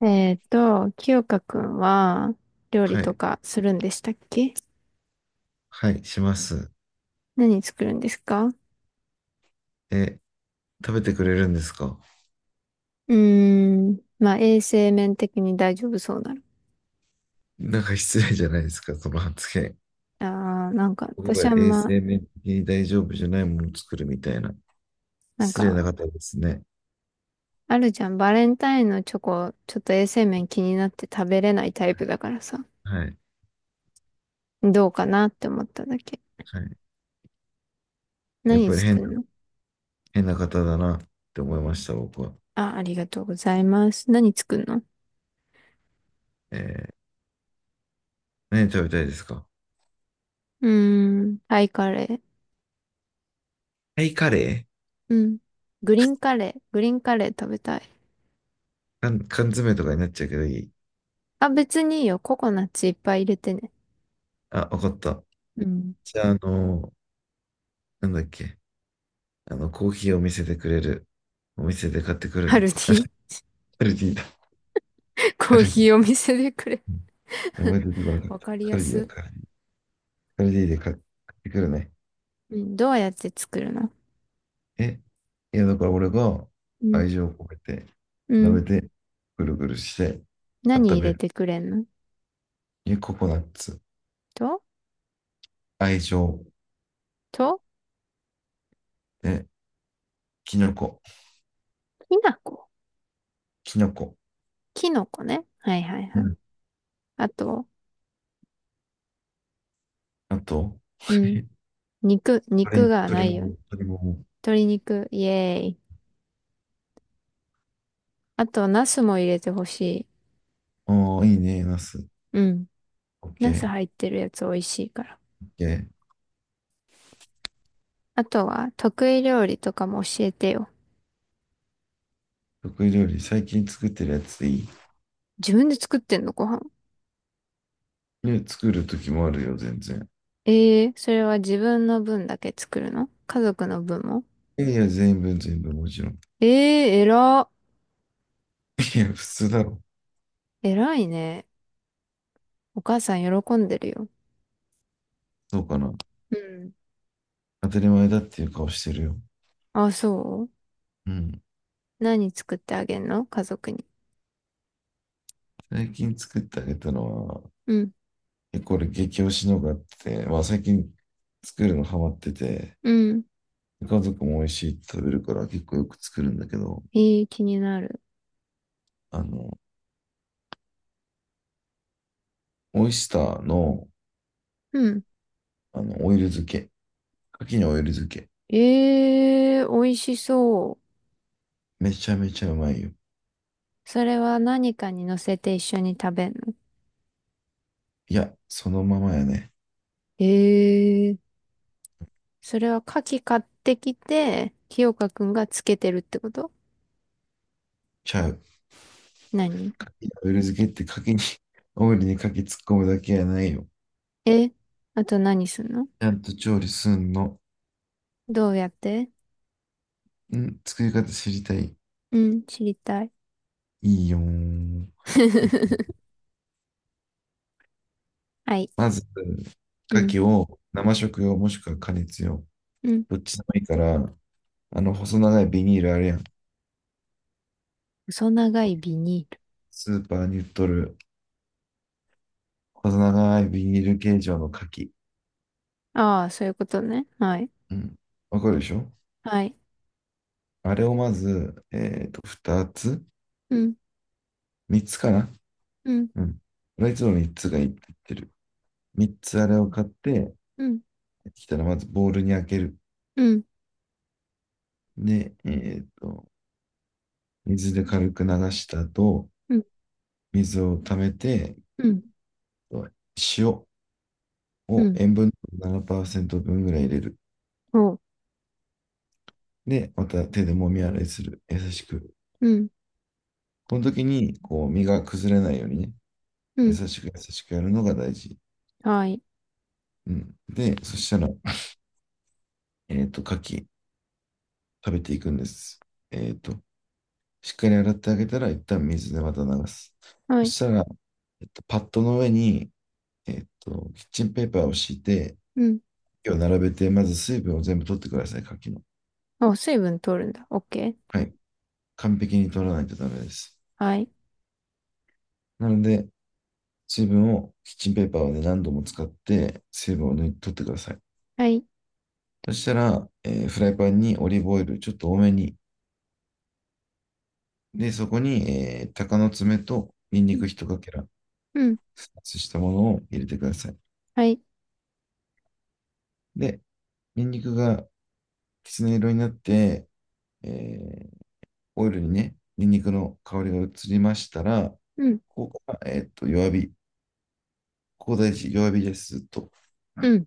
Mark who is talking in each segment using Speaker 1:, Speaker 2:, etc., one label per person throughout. Speaker 1: 清香くんは料理
Speaker 2: は
Speaker 1: と
Speaker 2: い。
Speaker 1: かするんでしたっけ？
Speaker 2: はい、します。
Speaker 1: 何作るんですか？
Speaker 2: え、食べてくれるんですか？
Speaker 1: うーん、まあ衛生面的に大丈夫そうなの。
Speaker 2: なんか失礼じゃないですか、その発言。
Speaker 1: あー、なんか
Speaker 2: 僕
Speaker 1: 私
Speaker 2: が
Speaker 1: あん
Speaker 2: 衛
Speaker 1: ま、
Speaker 2: 生面的に大丈夫じゃないものを作るみたいな。
Speaker 1: なん
Speaker 2: 失礼な
Speaker 1: か
Speaker 2: 方ですね。
Speaker 1: あるじゃん、バレンタインのチョコ、ちょっと衛生面気になって食べれないタイプだからさ、
Speaker 2: はい。
Speaker 1: どうかなって思っただけ。
Speaker 2: はい。やっ
Speaker 1: 何
Speaker 2: ぱり
Speaker 1: 作るの？
Speaker 2: 変な方だなって思いました、僕は。
Speaker 1: あ、ありがとうございます。何作るの？
Speaker 2: えー何食べたいですか？
Speaker 1: うーん、タイカレー。
Speaker 2: タイカレー。
Speaker 1: うん。グリーンカレー、グリーンカレー食べたい。
Speaker 2: 缶詰とかになっちゃうけどいい？
Speaker 1: あ、別にいいよ。ココナッツいっぱい入れてね。
Speaker 2: あ、わかった。
Speaker 1: うん。
Speaker 2: じゃあ、なんだっけ。コーヒーを見せてくれる。お店で買ってくる
Speaker 1: ハル
Speaker 2: ね。
Speaker 1: テ
Speaker 2: あ、
Speaker 1: ィ。
Speaker 2: カルディだ。カ
Speaker 1: コー
Speaker 2: ル
Speaker 1: ヒーお店でくれ。
Speaker 2: 名前出てこな かっ
Speaker 1: わ
Speaker 2: た。
Speaker 1: かり
Speaker 2: カ
Speaker 1: や
Speaker 2: ルディア
Speaker 1: す。
Speaker 2: から。カルディで買ってくるね。
Speaker 1: うん。どうやって作るの？
Speaker 2: え、いや、だから俺が
Speaker 1: うん。
Speaker 2: 愛情を込めて、
Speaker 1: う
Speaker 2: 舐
Speaker 1: ん。
Speaker 2: めて、ぐるぐるして、
Speaker 1: 何
Speaker 2: 温
Speaker 1: 入
Speaker 2: め
Speaker 1: れ
Speaker 2: る。
Speaker 1: てくれんの？
Speaker 2: え、ココナッツ、
Speaker 1: と、
Speaker 2: 愛情、
Speaker 1: と、
Speaker 2: え、キノコ、
Speaker 1: きなこ。
Speaker 2: キノコ。
Speaker 1: きのこね。はいはい
Speaker 2: う
Speaker 1: はい。
Speaker 2: ん。
Speaker 1: あと、
Speaker 2: あと、
Speaker 1: うん。肉
Speaker 2: 鶏、
Speaker 1: が
Speaker 2: 鶏
Speaker 1: な
Speaker 2: も
Speaker 1: いよう
Speaker 2: も、
Speaker 1: に。
Speaker 2: 鶏も
Speaker 1: 鶏肉、イエーイ。あと、ナスも入れてほしい。
Speaker 2: も。ああ、いいね、ナス。
Speaker 1: うん。
Speaker 2: オッケ
Speaker 1: ナス
Speaker 2: ー、
Speaker 1: 入ってるやつ美味しいから。
Speaker 2: オッケー。
Speaker 1: あとは、得意料理とかも教えてよ。
Speaker 2: 得意料理、最近作ってるやつでいい？
Speaker 1: 自分で作ってんの、ご飯？
Speaker 2: ね、作る時もあるよ、全然。
Speaker 1: えー、それは自分の分だけ作るの？家族の分も？
Speaker 2: いやいや、全部、全部、もちろん。
Speaker 1: えー、えら。
Speaker 2: いや、普通だろ。
Speaker 1: えらいね。お母さん喜んでるよ。
Speaker 2: そうかな。
Speaker 1: うん。
Speaker 2: 当たり前だっていう顔してるよ。
Speaker 1: あ、そ
Speaker 2: うん。
Speaker 1: う？何作ってあげんの、家族に？
Speaker 2: 最近作ってあげたのは、
Speaker 1: うん。
Speaker 2: これ激推しのがあって、まあ最近作るのハマってて、
Speaker 1: うん。
Speaker 2: 家族も美味しいって食べるから結構よく作るんだけど、
Speaker 1: えー、気になる。
Speaker 2: あの、オイスターの、
Speaker 1: うん。
Speaker 2: オイル漬け。牡蠣のオイル漬け。
Speaker 1: えー、美味しそう。
Speaker 2: めちゃめちゃうまいよ。
Speaker 1: それは何かに乗せて一緒に食べんの？
Speaker 2: いや、そのままやね。
Speaker 1: えー、それは牡蠣買ってきて、清香くんがつけてるってこと？
Speaker 2: ちゃう。
Speaker 1: 何？
Speaker 2: 牡蠣のオイル漬けって牡蠣に、オイルに牡蠣突っ込むだけやないよ。
Speaker 1: え、あと何すんの？
Speaker 2: ちゃんと調理すんの。
Speaker 1: どうやって？
Speaker 2: うん、作り方知りたい。
Speaker 1: うん、知りたい。
Speaker 2: いいよー。えっ
Speaker 1: はい。
Speaker 2: まず、
Speaker 1: うん。
Speaker 2: 牡蠣を生食用もしくは加熱用。
Speaker 1: うん。
Speaker 2: どっちでもいいから、あの細長いビニールあるやん。
Speaker 1: 細長いビニール。
Speaker 2: スーパーに売っとる細長いビニール形状の牡蠣。
Speaker 1: ああ、そういうことね。はい。
Speaker 2: うん。わかるでしょ？
Speaker 1: はい。
Speaker 2: あれをまず、2つ、
Speaker 1: うん、
Speaker 2: 3 つかな。
Speaker 1: うん、
Speaker 2: うん。俺はいつも3つがいいって言ってる。3つあれを買って
Speaker 1: うん、
Speaker 2: きたらまずボウルに開ける。
Speaker 1: うん、
Speaker 2: で、水で軽く流した後、
Speaker 1: うん、
Speaker 2: 水を溜めて、
Speaker 1: うん、
Speaker 2: 塩
Speaker 1: う
Speaker 2: を
Speaker 1: ん。
Speaker 2: 塩分7%分ぐらい入れる。
Speaker 1: おう、
Speaker 2: で、また手で揉み洗いする。優しく。
Speaker 1: うん、
Speaker 2: この時に、こう、身が崩れないようにね、
Speaker 1: う
Speaker 2: 優
Speaker 1: ん。
Speaker 2: しく優しくやるのが大事。
Speaker 1: はい。
Speaker 2: うん。で、そしたら、牡蠣食べていくんです。えっと、しっかり洗ってあげたら、一旦水でまた流す。
Speaker 1: は
Speaker 2: そ
Speaker 1: い。
Speaker 2: したら、パッドの上に、キッチンペーパーを敷いて、
Speaker 1: うん。
Speaker 2: を並べて、まず水分を全部取ってください、牡蠣の。
Speaker 1: お、水分取るんだ。オッケー。
Speaker 2: はい。完璧に取らないとダメです。
Speaker 1: はい。
Speaker 2: なので、水分をキッチンペーパーをね、何度も使って水分を抜い取ってください。
Speaker 1: はい。
Speaker 2: そしたら、フライパンにオリーブオイルちょっと多めに。で、そこに、鷹の爪とニン
Speaker 1: う
Speaker 2: ニ
Speaker 1: ん、
Speaker 2: ク一かけら、
Speaker 1: うん。
Speaker 2: スライスしたものを入れてください。
Speaker 1: はい。
Speaker 2: で、ニンニクがきつね色になって、えーオイルにね、ニンニクの香りが移りましたら、
Speaker 1: うん、
Speaker 2: ここから、弱火。ここ大事、弱火です。と。
Speaker 1: うん。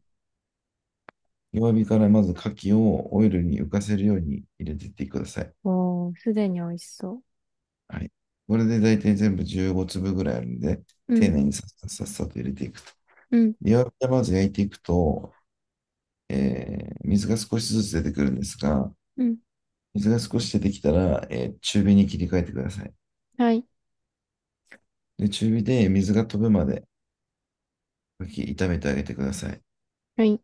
Speaker 2: 弱火からまず牡蠣をオイルに浮かせるように入れていってください。
Speaker 1: おー、すでに美味しそ
Speaker 2: はい。これで大体全部15粒ぐらいあるんで、
Speaker 1: う。う
Speaker 2: 丁
Speaker 1: ん、
Speaker 2: 寧にさっさっさっさと入れていくと。
Speaker 1: うん、
Speaker 2: 弱火でまず焼いていくと、水が少しずつ出てくるんですが、
Speaker 1: うん。
Speaker 2: 水が少し出てきたら、中火に切り替えてください。
Speaker 1: はい。
Speaker 2: で、中火で水が飛ぶまで、かき炒めてあげてください。
Speaker 1: はい。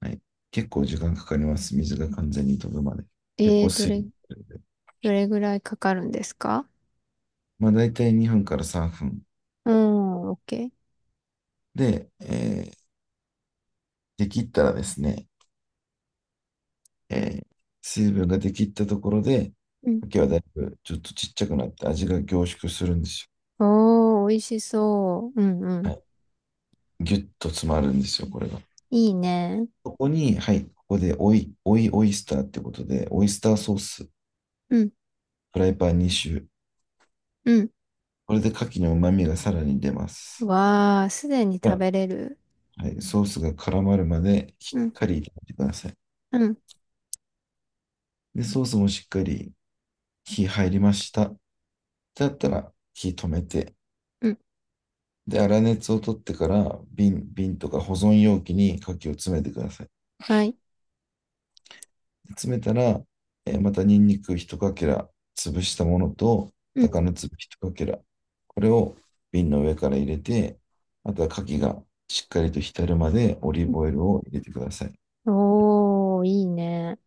Speaker 2: はい。結構時間かかります。水が完全に飛ぶまで。結
Speaker 1: え
Speaker 2: 構
Speaker 1: ー、ど
Speaker 2: 水
Speaker 1: れ、
Speaker 2: 分が出るんで。
Speaker 1: どれぐらいかかるんですか？
Speaker 2: まあ、大体2分から3分。
Speaker 1: うん、オッケ
Speaker 2: で、できったらですね、えー水分が出きったところで、
Speaker 1: ー。
Speaker 2: 牡蠣はだいぶちょっとちっちゃくなって味が凝縮するんです
Speaker 1: おー、美味しそう。うんう
Speaker 2: よ。
Speaker 1: ん。
Speaker 2: はい。ギュッと詰まるんですよ、これが。
Speaker 1: いいね。
Speaker 2: ここに、はい、ここでオイスターってことで、オイスターソース、フ
Speaker 1: うん、
Speaker 2: ライパン2周。
Speaker 1: うん。
Speaker 2: これで牡蠣の旨味がさらに出ます。
Speaker 1: わー、すでに食
Speaker 2: が
Speaker 1: べれる。
Speaker 2: はい、ソースが絡まるまでし
Speaker 1: う
Speaker 2: っ
Speaker 1: ん、
Speaker 2: かり炒めてください。
Speaker 1: うん、
Speaker 2: で、ソースもしっかり火入りました。だったら火止めて、
Speaker 1: うん。
Speaker 2: で、粗熱を取ってから瓶とか保存容器に牡蠣を詰めてください。
Speaker 1: はい。
Speaker 2: 詰めたら、またニンニク一かけら潰したものと、
Speaker 1: うん。
Speaker 2: 鷹の粒一かけら、これを瓶の上から入れて、あとは牡蠣がしっかりと浸るまでオリ
Speaker 1: う
Speaker 2: ー
Speaker 1: ん。
Speaker 2: ブオイルを入れてください。
Speaker 1: おー、いいね。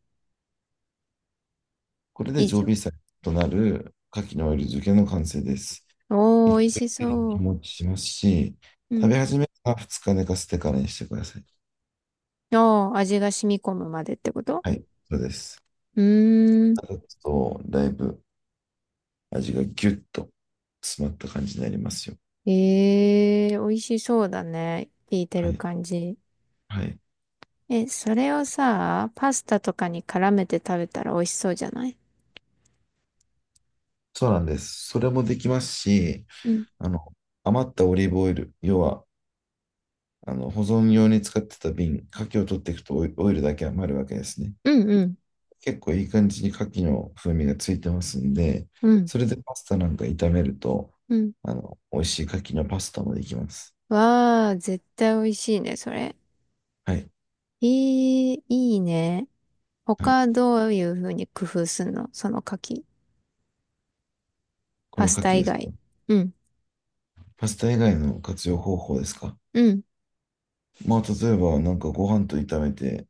Speaker 2: これで
Speaker 1: 以
Speaker 2: 常
Speaker 1: 上。
Speaker 2: 備菜となる牡蠣のオイル漬けの完成です。
Speaker 1: おー、
Speaker 2: 1
Speaker 1: 美味し
Speaker 2: 回で
Speaker 1: そ
Speaker 2: 日
Speaker 1: う。
Speaker 2: 持ちしますし、
Speaker 1: う
Speaker 2: 食
Speaker 1: ん。
Speaker 2: べ始めたら2日寝かせてからにしてください。
Speaker 1: おー、味が染み込むまでってこと？
Speaker 2: はい、そうです。
Speaker 1: うー
Speaker 2: あ
Speaker 1: ん。
Speaker 2: と、だいぶ味がギュッと詰まった感じになりますよ。
Speaker 1: えー、美味しそうだね。聞いて
Speaker 2: は
Speaker 1: る
Speaker 2: い。
Speaker 1: 感じ。
Speaker 2: はい。
Speaker 1: え、それをさ、パスタとかに絡めて食べたら美味しそうじゃない？
Speaker 2: そうなんです。それもできますし、
Speaker 1: うん。
Speaker 2: あの、余ったオリーブオイル、要は、保存用に使ってた瓶、牡蠣を取っていくとオイオイルだけ余るわけですね。
Speaker 1: うんうん。
Speaker 2: 結構いい感じに牡蠣の風味がついてますんで、
Speaker 1: うん。
Speaker 2: それでパスタなんか炒めると、
Speaker 1: うん。
Speaker 2: 美味しい牡蠣のパスタもできます。
Speaker 1: わあ、絶対美味しいね、それ。
Speaker 2: はい。
Speaker 1: えー、いいね。
Speaker 2: はい。
Speaker 1: 他どういう風に工夫すんの、その柿。
Speaker 2: こ
Speaker 1: パ
Speaker 2: の
Speaker 1: ス
Speaker 2: 牡
Speaker 1: タ
Speaker 2: 蠣
Speaker 1: 以
Speaker 2: です
Speaker 1: 外。
Speaker 2: か？
Speaker 1: うん、
Speaker 2: パスタ以外の活用方法ですか？
Speaker 1: うん。
Speaker 2: まあ、例えば、なんかご飯と炒めて、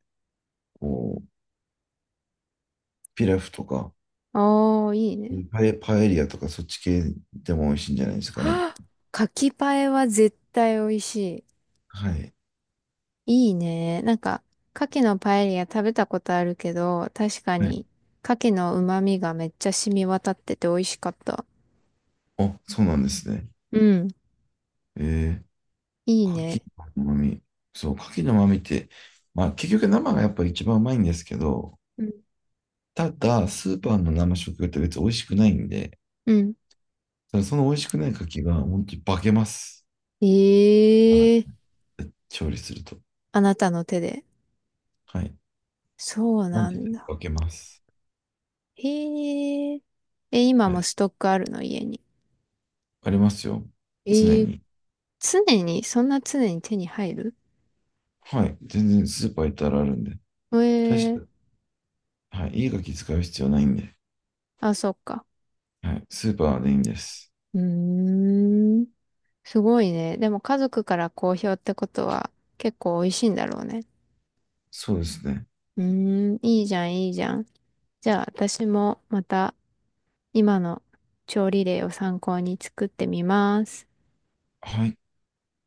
Speaker 2: こう、ピラフとか、
Speaker 1: おー、いいね。
Speaker 2: パエリアとか、そっち系でも美味しいんじゃないですかね。
Speaker 1: はぁ、柿パエは絶対美味し
Speaker 2: はい。
Speaker 1: い。いいね。なんか、牡蠣のパエリア食べたことあるけど、確か
Speaker 2: はい。
Speaker 1: に、牡蠣の旨味がめっちゃ染み渡ってて美味しかった。
Speaker 2: あ、そうなんですね。
Speaker 1: うん、
Speaker 2: え
Speaker 1: いい
Speaker 2: 牡蠣
Speaker 1: ね。
Speaker 2: の旨味。そう、牡蠣の旨味って、まあ結局生がやっぱ一番うまいんですけど、
Speaker 1: うん。
Speaker 2: ただ、スーパーの生食用って別に美味しくないんで、
Speaker 1: うん。
Speaker 2: ただその美味しくない牡蠣が本当に化けます。あ、
Speaker 1: ええー、
Speaker 2: 調理すると。
Speaker 1: あなたの手で。
Speaker 2: はい。
Speaker 1: そう
Speaker 2: マ
Speaker 1: な
Speaker 2: ジで
Speaker 1: んだ。
Speaker 2: 化けます。
Speaker 1: へえ。え、今
Speaker 2: は
Speaker 1: も
Speaker 2: い。
Speaker 1: ストックあるの、家に？
Speaker 2: ありますよ。常
Speaker 1: ええ。
Speaker 2: に。
Speaker 1: 常に、そんな常に手に入る？
Speaker 2: はい。全然スーパー行ったらあるんで。
Speaker 1: え
Speaker 2: 大した
Speaker 1: え。
Speaker 2: はい。いいガキ使う必要ないんで。
Speaker 1: あ、そっか。
Speaker 2: はい。スーパーでいいんです。
Speaker 1: うーん。すごいね。でも家族から好評ってことは、結構美味しいんだろうね。
Speaker 2: そうですね。
Speaker 1: うーん。いいじゃん、いいじゃん。じゃあ私もまた、今の調理例を参考に作ってみます。
Speaker 2: はい。